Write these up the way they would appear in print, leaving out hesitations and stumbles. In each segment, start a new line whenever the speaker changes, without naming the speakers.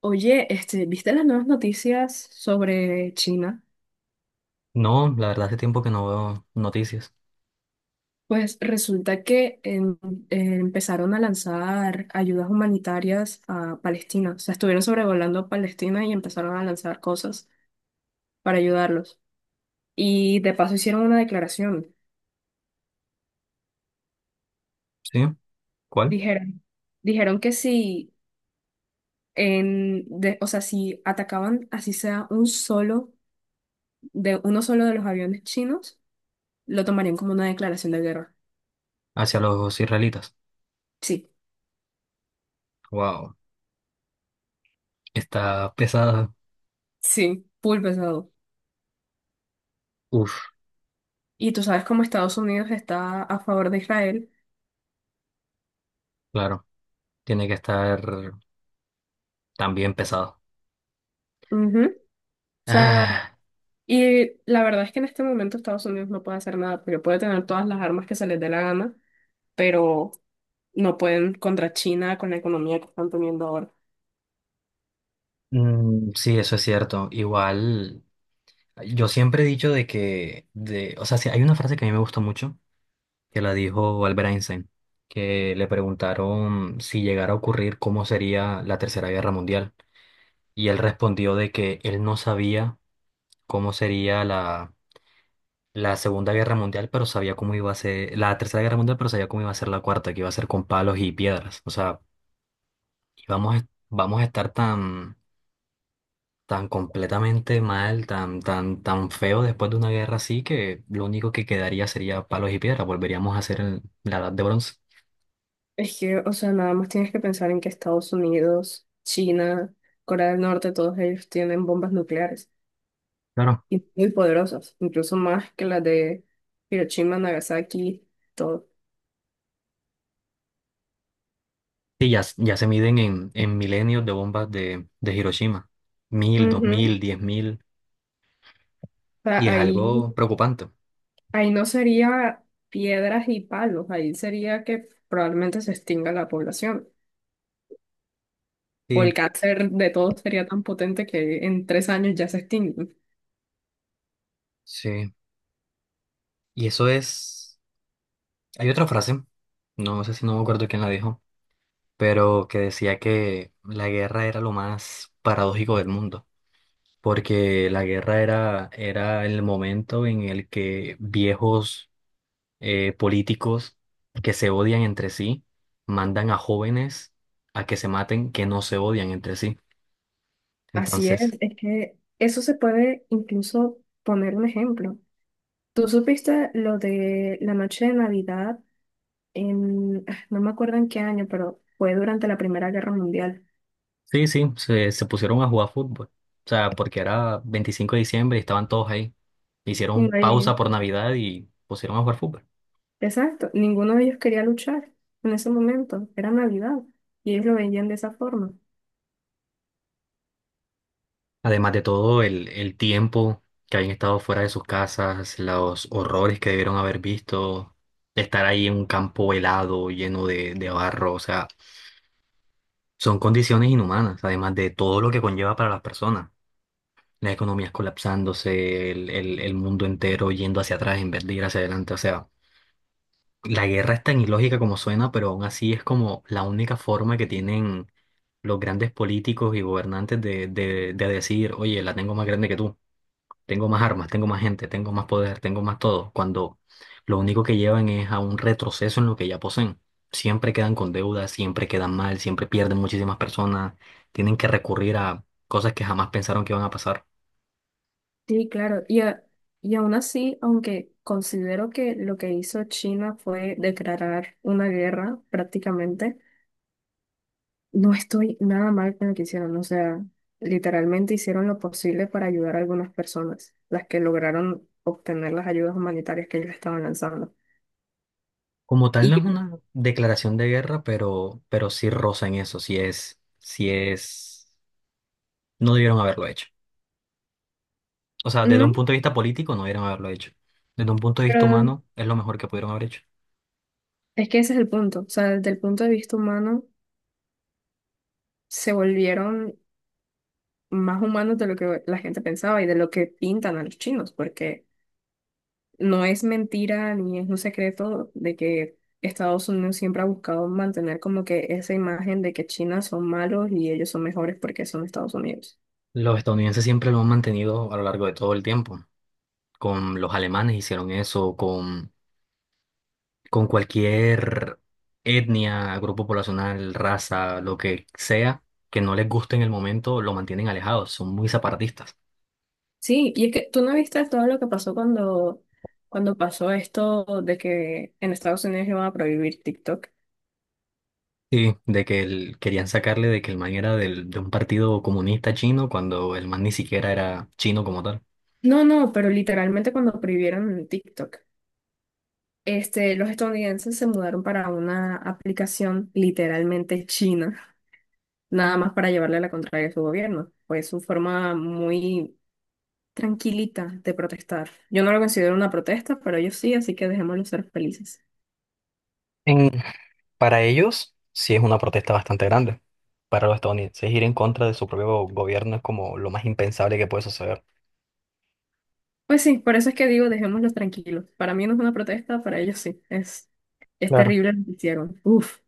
Oye, este, ¿viste las nuevas noticias sobre China?
No, la verdad hace tiempo que no veo noticias.
Pues resulta que empezaron a lanzar ayudas humanitarias a Palestina. O sea, estuvieron sobrevolando a Palestina y empezaron a lanzar cosas para ayudarlos. Y de paso hicieron una declaración.
¿Sí? ¿Cuál?
Dijeron, dijeron que si o sea, si atacaban así sea un solo de uno solo de los aviones chinos, lo tomarían como una declaración de guerra.
Hacia los israelitas.
Sí,
Wow. Está pesada.
sí, full pesado.
Uf,
Y tú sabes cómo Estados Unidos está a favor de Israel.
claro. Tiene que estar también pesado.
Ujú. O sea,
Ah,
y la verdad es que en este momento Estados Unidos no puede hacer nada, porque puede tener todas las armas que se les dé la gana, pero no pueden contra China con la economía que están teniendo ahora.
mm, sí, eso es cierto. Igual, yo siempre he dicho de que, o sea, sí, hay una frase que a mí me gustó mucho, que la dijo Albert Einstein, que le preguntaron si llegara a ocurrir cómo sería la Tercera Guerra Mundial. Y él respondió de que él no sabía cómo sería la Segunda Guerra Mundial, pero sabía cómo iba a ser, la Tercera Guerra Mundial, pero sabía cómo iba a ser la cuarta, que iba a ser con palos y piedras. O sea, vamos a estar tan, tan completamente mal, tan, tan, tan feo después de una guerra así, que lo único que quedaría sería palos y piedras. Volveríamos a ser la Edad de Bronce.
Es que, o sea, nada más tienes que pensar en que Estados Unidos, China, Corea del Norte, todos ellos tienen bombas nucleares
Claro.
y muy poderosas, incluso más que las de Hiroshima, Nagasaki, todo.
Sí, ya se miden en, milenios de bombas de Hiroshima. 1.000, dos
Ujú.
mil, 10.000.
O sea,
Y es
ahí.
algo preocupante.
Ahí no sería piedras y palos, ahí sería que probablemente se extinga la población. O
Sí,
el cáncer de todos sería tan potente que en tres años ya se extingue.
sí. Y eso es. Hay otra frase, no sé si no me acuerdo quién la dijo, pero que decía que la guerra era lo más paradójico del mundo, porque la guerra era, el momento en el que viejos políticos que se odian entre sí mandan a jóvenes a que se maten que no se odian entre sí.
Así
Entonces,
es que eso se puede incluso poner un ejemplo. Tú supiste lo de la noche de Navidad no me acuerdo en qué año, pero fue durante la Primera Guerra Mundial.
sí, sí, se pusieron a jugar fútbol. O sea, porque era 25 de diciembre y estaban todos ahí.
Y
Hicieron
no hay-
pausa por Navidad y pusieron a jugar fútbol.
exacto, ninguno de ellos quería luchar en ese momento, era Navidad, y ellos lo veían de esa forma.
Además de todo, el tiempo que hayan estado fuera de sus casas, los horrores que debieron haber visto, estar ahí en un campo helado, lleno de barro, o sea, son condiciones inhumanas, además de todo lo que conlleva para las personas. Las economías colapsándose, el, el mundo entero yendo hacia atrás en vez de ir hacia adelante. O sea, la guerra es tan ilógica como suena, pero aún así es como la única forma que tienen los grandes políticos y gobernantes de decir, oye, la tengo más grande que tú. Tengo más armas, tengo más gente, tengo más poder, tengo más todo, cuando lo único que llevan es a un retroceso en lo que ya poseen. Siempre quedan con deudas, siempre quedan mal, siempre pierden muchísimas personas, tienen que recurrir a cosas que jamás pensaron que iban a pasar.
Sí, claro. Y aún así, aunque considero que lo que hizo China fue declarar una guerra prácticamente, no estoy nada mal con lo que hicieron. O sea, literalmente hicieron lo posible para ayudar a algunas personas, las que lograron obtener las ayudas humanitarias que ellos estaban lanzando.
Como tal, no es
Y
una declaración de guerra, pero sí roza en eso, sí es, no debieron haberlo hecho. O sea, desde
no,
un punto de vista político, no debieron haberlo hecho. Desde un punto de vista
pero
humano, es lo mejor que pudieron haber hecho.
es que ese es el punto. O sea, desde el punto de vista humano, se volvieron más humanos de lo que la gente pensaba y de lo que pintan a los chinos, porque... No es mentira ni es un secreto de que Estados Unidos siempre ha buscado mantener como que esa imagen de que China son malos y ellos son mejores porque son Estados Unidos.
Los estadounidenses siempre lo han mantenido a lo largo de todo el tiempo. Con los alemanes hicieron eso, con cualquier etnia, grupo poblacional, raza, lo que sea, que no les guste en el momento, lo mantienen alejados, son muy separatistas.
Sí, y es que tú no viste todo lo que pasó cuando pasó esto de que en Estados Unidos iban a prohibir TikTok.
Sí, de que querían sacarle de que el man era de un partido comunista chino cuando el man ni siquiera era chino como tal.
No, no, pero literalmente cuando prohibieron TikTok, este, los estadounidenses se mudaron para una aplicación literalmente china, nada más para llevarle la contraria a su gobierno. Fue su forma muy tranquilita de protestar. Yo no lo considero una protesta, pero ellos sí, así que dejémoslos ser felices.
En- para ellos, sí es una protesta bastante grande. Para los estadounidenses, ir en contra de su propio gobierno es como lo más impensable que puede suceder.
Pues sí, por eso es que digo, dejémoslos tranquilos. Para mí no es una protesta, para ellos sí. Es
Claro.
terrible lo que hicieron. Uf,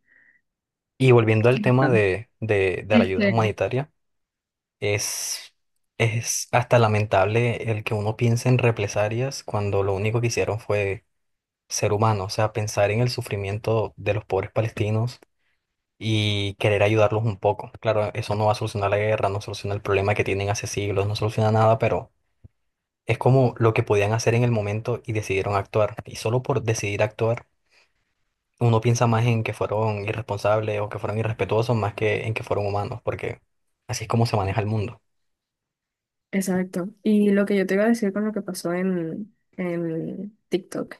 Y volviendo al
sí,
tema
bastante.
de, de la ayuda
Este,
humanitaria, es, es hasta lamentable el que uno piense en represalias cuando lo único que hicieron fue ser humano, o sea, pensar en el sufrimiento de los pobres palestinos y querer ayudarlos un poco. Claro, eso no va a solucionar la guerra, no soluciona el problema que tienen hace siglos, no soluciona nada, pero es como lo que podían hacer en el momento y decidieron actuar. Y solo por decidir actuar uno piensa más en que fueron irresponsables o que fueron irrespetuosos más que en que fueron humanos, porque así es como se maneja el mundo.
exacto. Y lo que yo te iba a decir con lo que pasó en TikTok,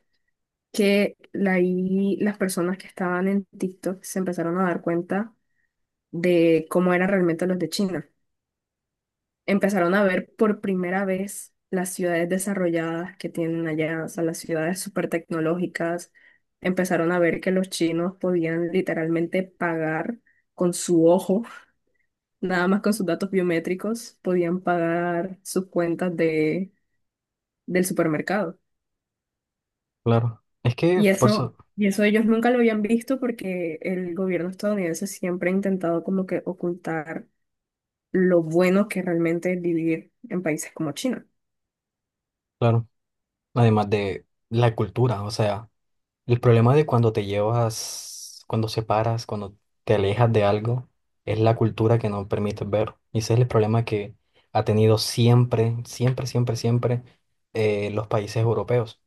y las personas que estaban en TikTok se empezaron a dar cuenta de cómo eran realmente los de China. Empezaron a ver por primera vez las ciudades desarrolladas que tienen allá, o sea, las ciudades súper tecnológicas, empezaron a ver que los chinos podían literalmente pagar con su ojo, nada más con sus datos biométricos, podían pagar sus cuentas de, del supermercado.
Claro, es que por eso,
Y eso ellos nunca lo habían visto porque el gobierno estadounidense siempre ha intentado como que ocultar lo bueno que realmente es vivir en países como China.
claro, además de la cultura, o sea. El problema de cuando te llevas, cuando separas, cuando te alejas de algo, es la cultura que no permite ver. Y ese es el problema que ha tenido siempre, siempre, siempre, siempre los países europeos.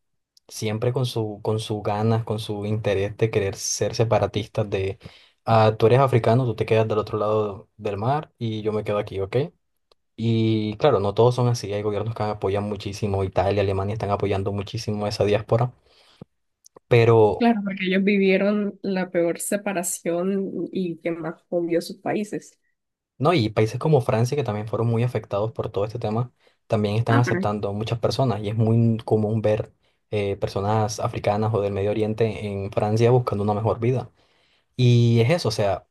Siempre con su, con sus ganas, con su interés de querer ser separatistas ah, tú eres africano, tú te quedas del otro lado del mar y yo me quedo aquí, ¿ok? Y claro, no todos son así. Hay gobiernos que apoyan muchísimo, Italia, Alemania están apoyando muchísimo esa diáspora, pero...
Claro, porque ellos vivieron la peor separación y que más hundió sus países.
No, y países como Francia, que también fueron muy afectados por todo este tema, también están
Ah, pero
aceptando muchas personas y es muy común ver personas africanas o del Medio Oriente en Francia buscando una mejor vida. Y es eso, o sea,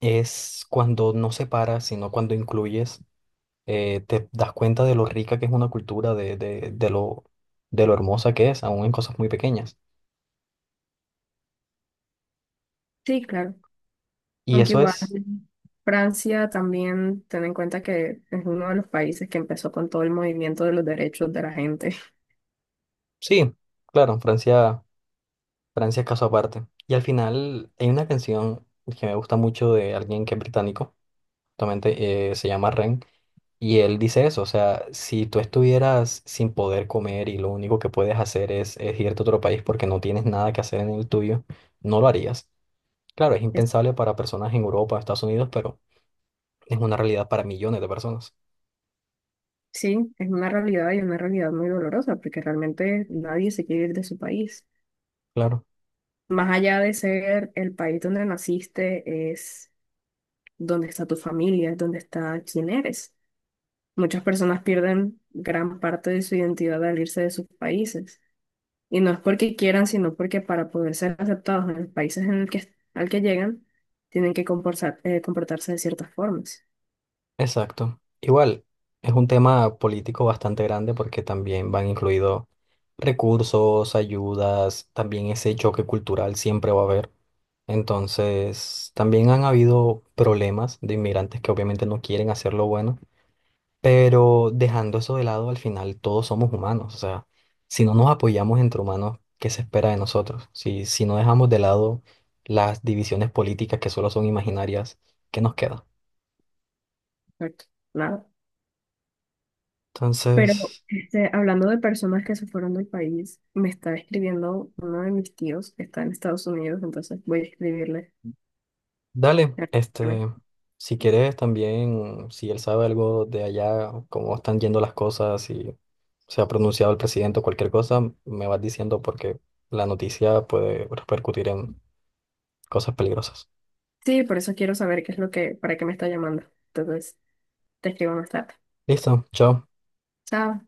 es cuando no separas, sino cuando incluyes, te das cuenta de lo rica que es una cultura, de lo hermosa que es, aún en cosas muy pequeñas.
sí, claro.
Y
Aunque
eso
igual
es,
Francia también, ten en cuenta que es uno de los países que empezó con todo el movimiento de los derechos de la gente.
sí, claro, Francia. Francia es caso aparte. Y al final hay una canción que me gusta mucho de alguien que es británico, justamente se llama Ren, y él dice eso, o sea, si tú estuvieras sin poder comer y lo único que puedes hacer es irte a otro país porque no tienes nada que hacer en el tuyo, no lo harías. Claro, es
Es-
impensable para personas en Europa, Estados Unidos, pero es una realidad para millones de personas.
sí, es una realidad y una realidad muy dolorosa porque realmente nadie se quiere ir de su país.
Claro.
Más allá de ser el país donde naciste, es donde está tu familia, es donde está quién eres. Muchas personas pierden gran parte de su identidad al irse de sus países. Y no es porque quieran, sino porque para poder ser aceptados en los países en el que, al que llegan, tienen que comportarse de ciertas formas.
Exacto. Igual, es un tema político bastante grande porque también van incluidos recursos, ayudas, también ese choque cultural siempre va a haber. Entonces, también han habido problemas de inmigrantes que obviamente no quieren hacer lo bueno, pero dejando eso de lado, al final todos somos humanos. O sea, si no nos apoyamos entre humanos, ¿qué se espera de nosotros? Si no dejamos de lado las divisiones políticas que solo son imaginarias, ¿qué nos queda?
Correcto. Nada. Pero
Entonces...
este, hablando de personas que se fueron del país, me está escribiendo uno de mis tíos que está en Estados Unidos, entonces voy a escribirle.
Dale, si quieres también, si él sabe algo de allá, cómo están yendo las cosas, si se ha pronunciado el presidente o cualquier cosa, me vas diciendo porque la noticia puede repercutir en cosas peligrosas.
Sí, por eso quiero saber qué es lo que, para qué me está llamando. Entonces, te escribo más tarde.
Listo, chao.
Chao.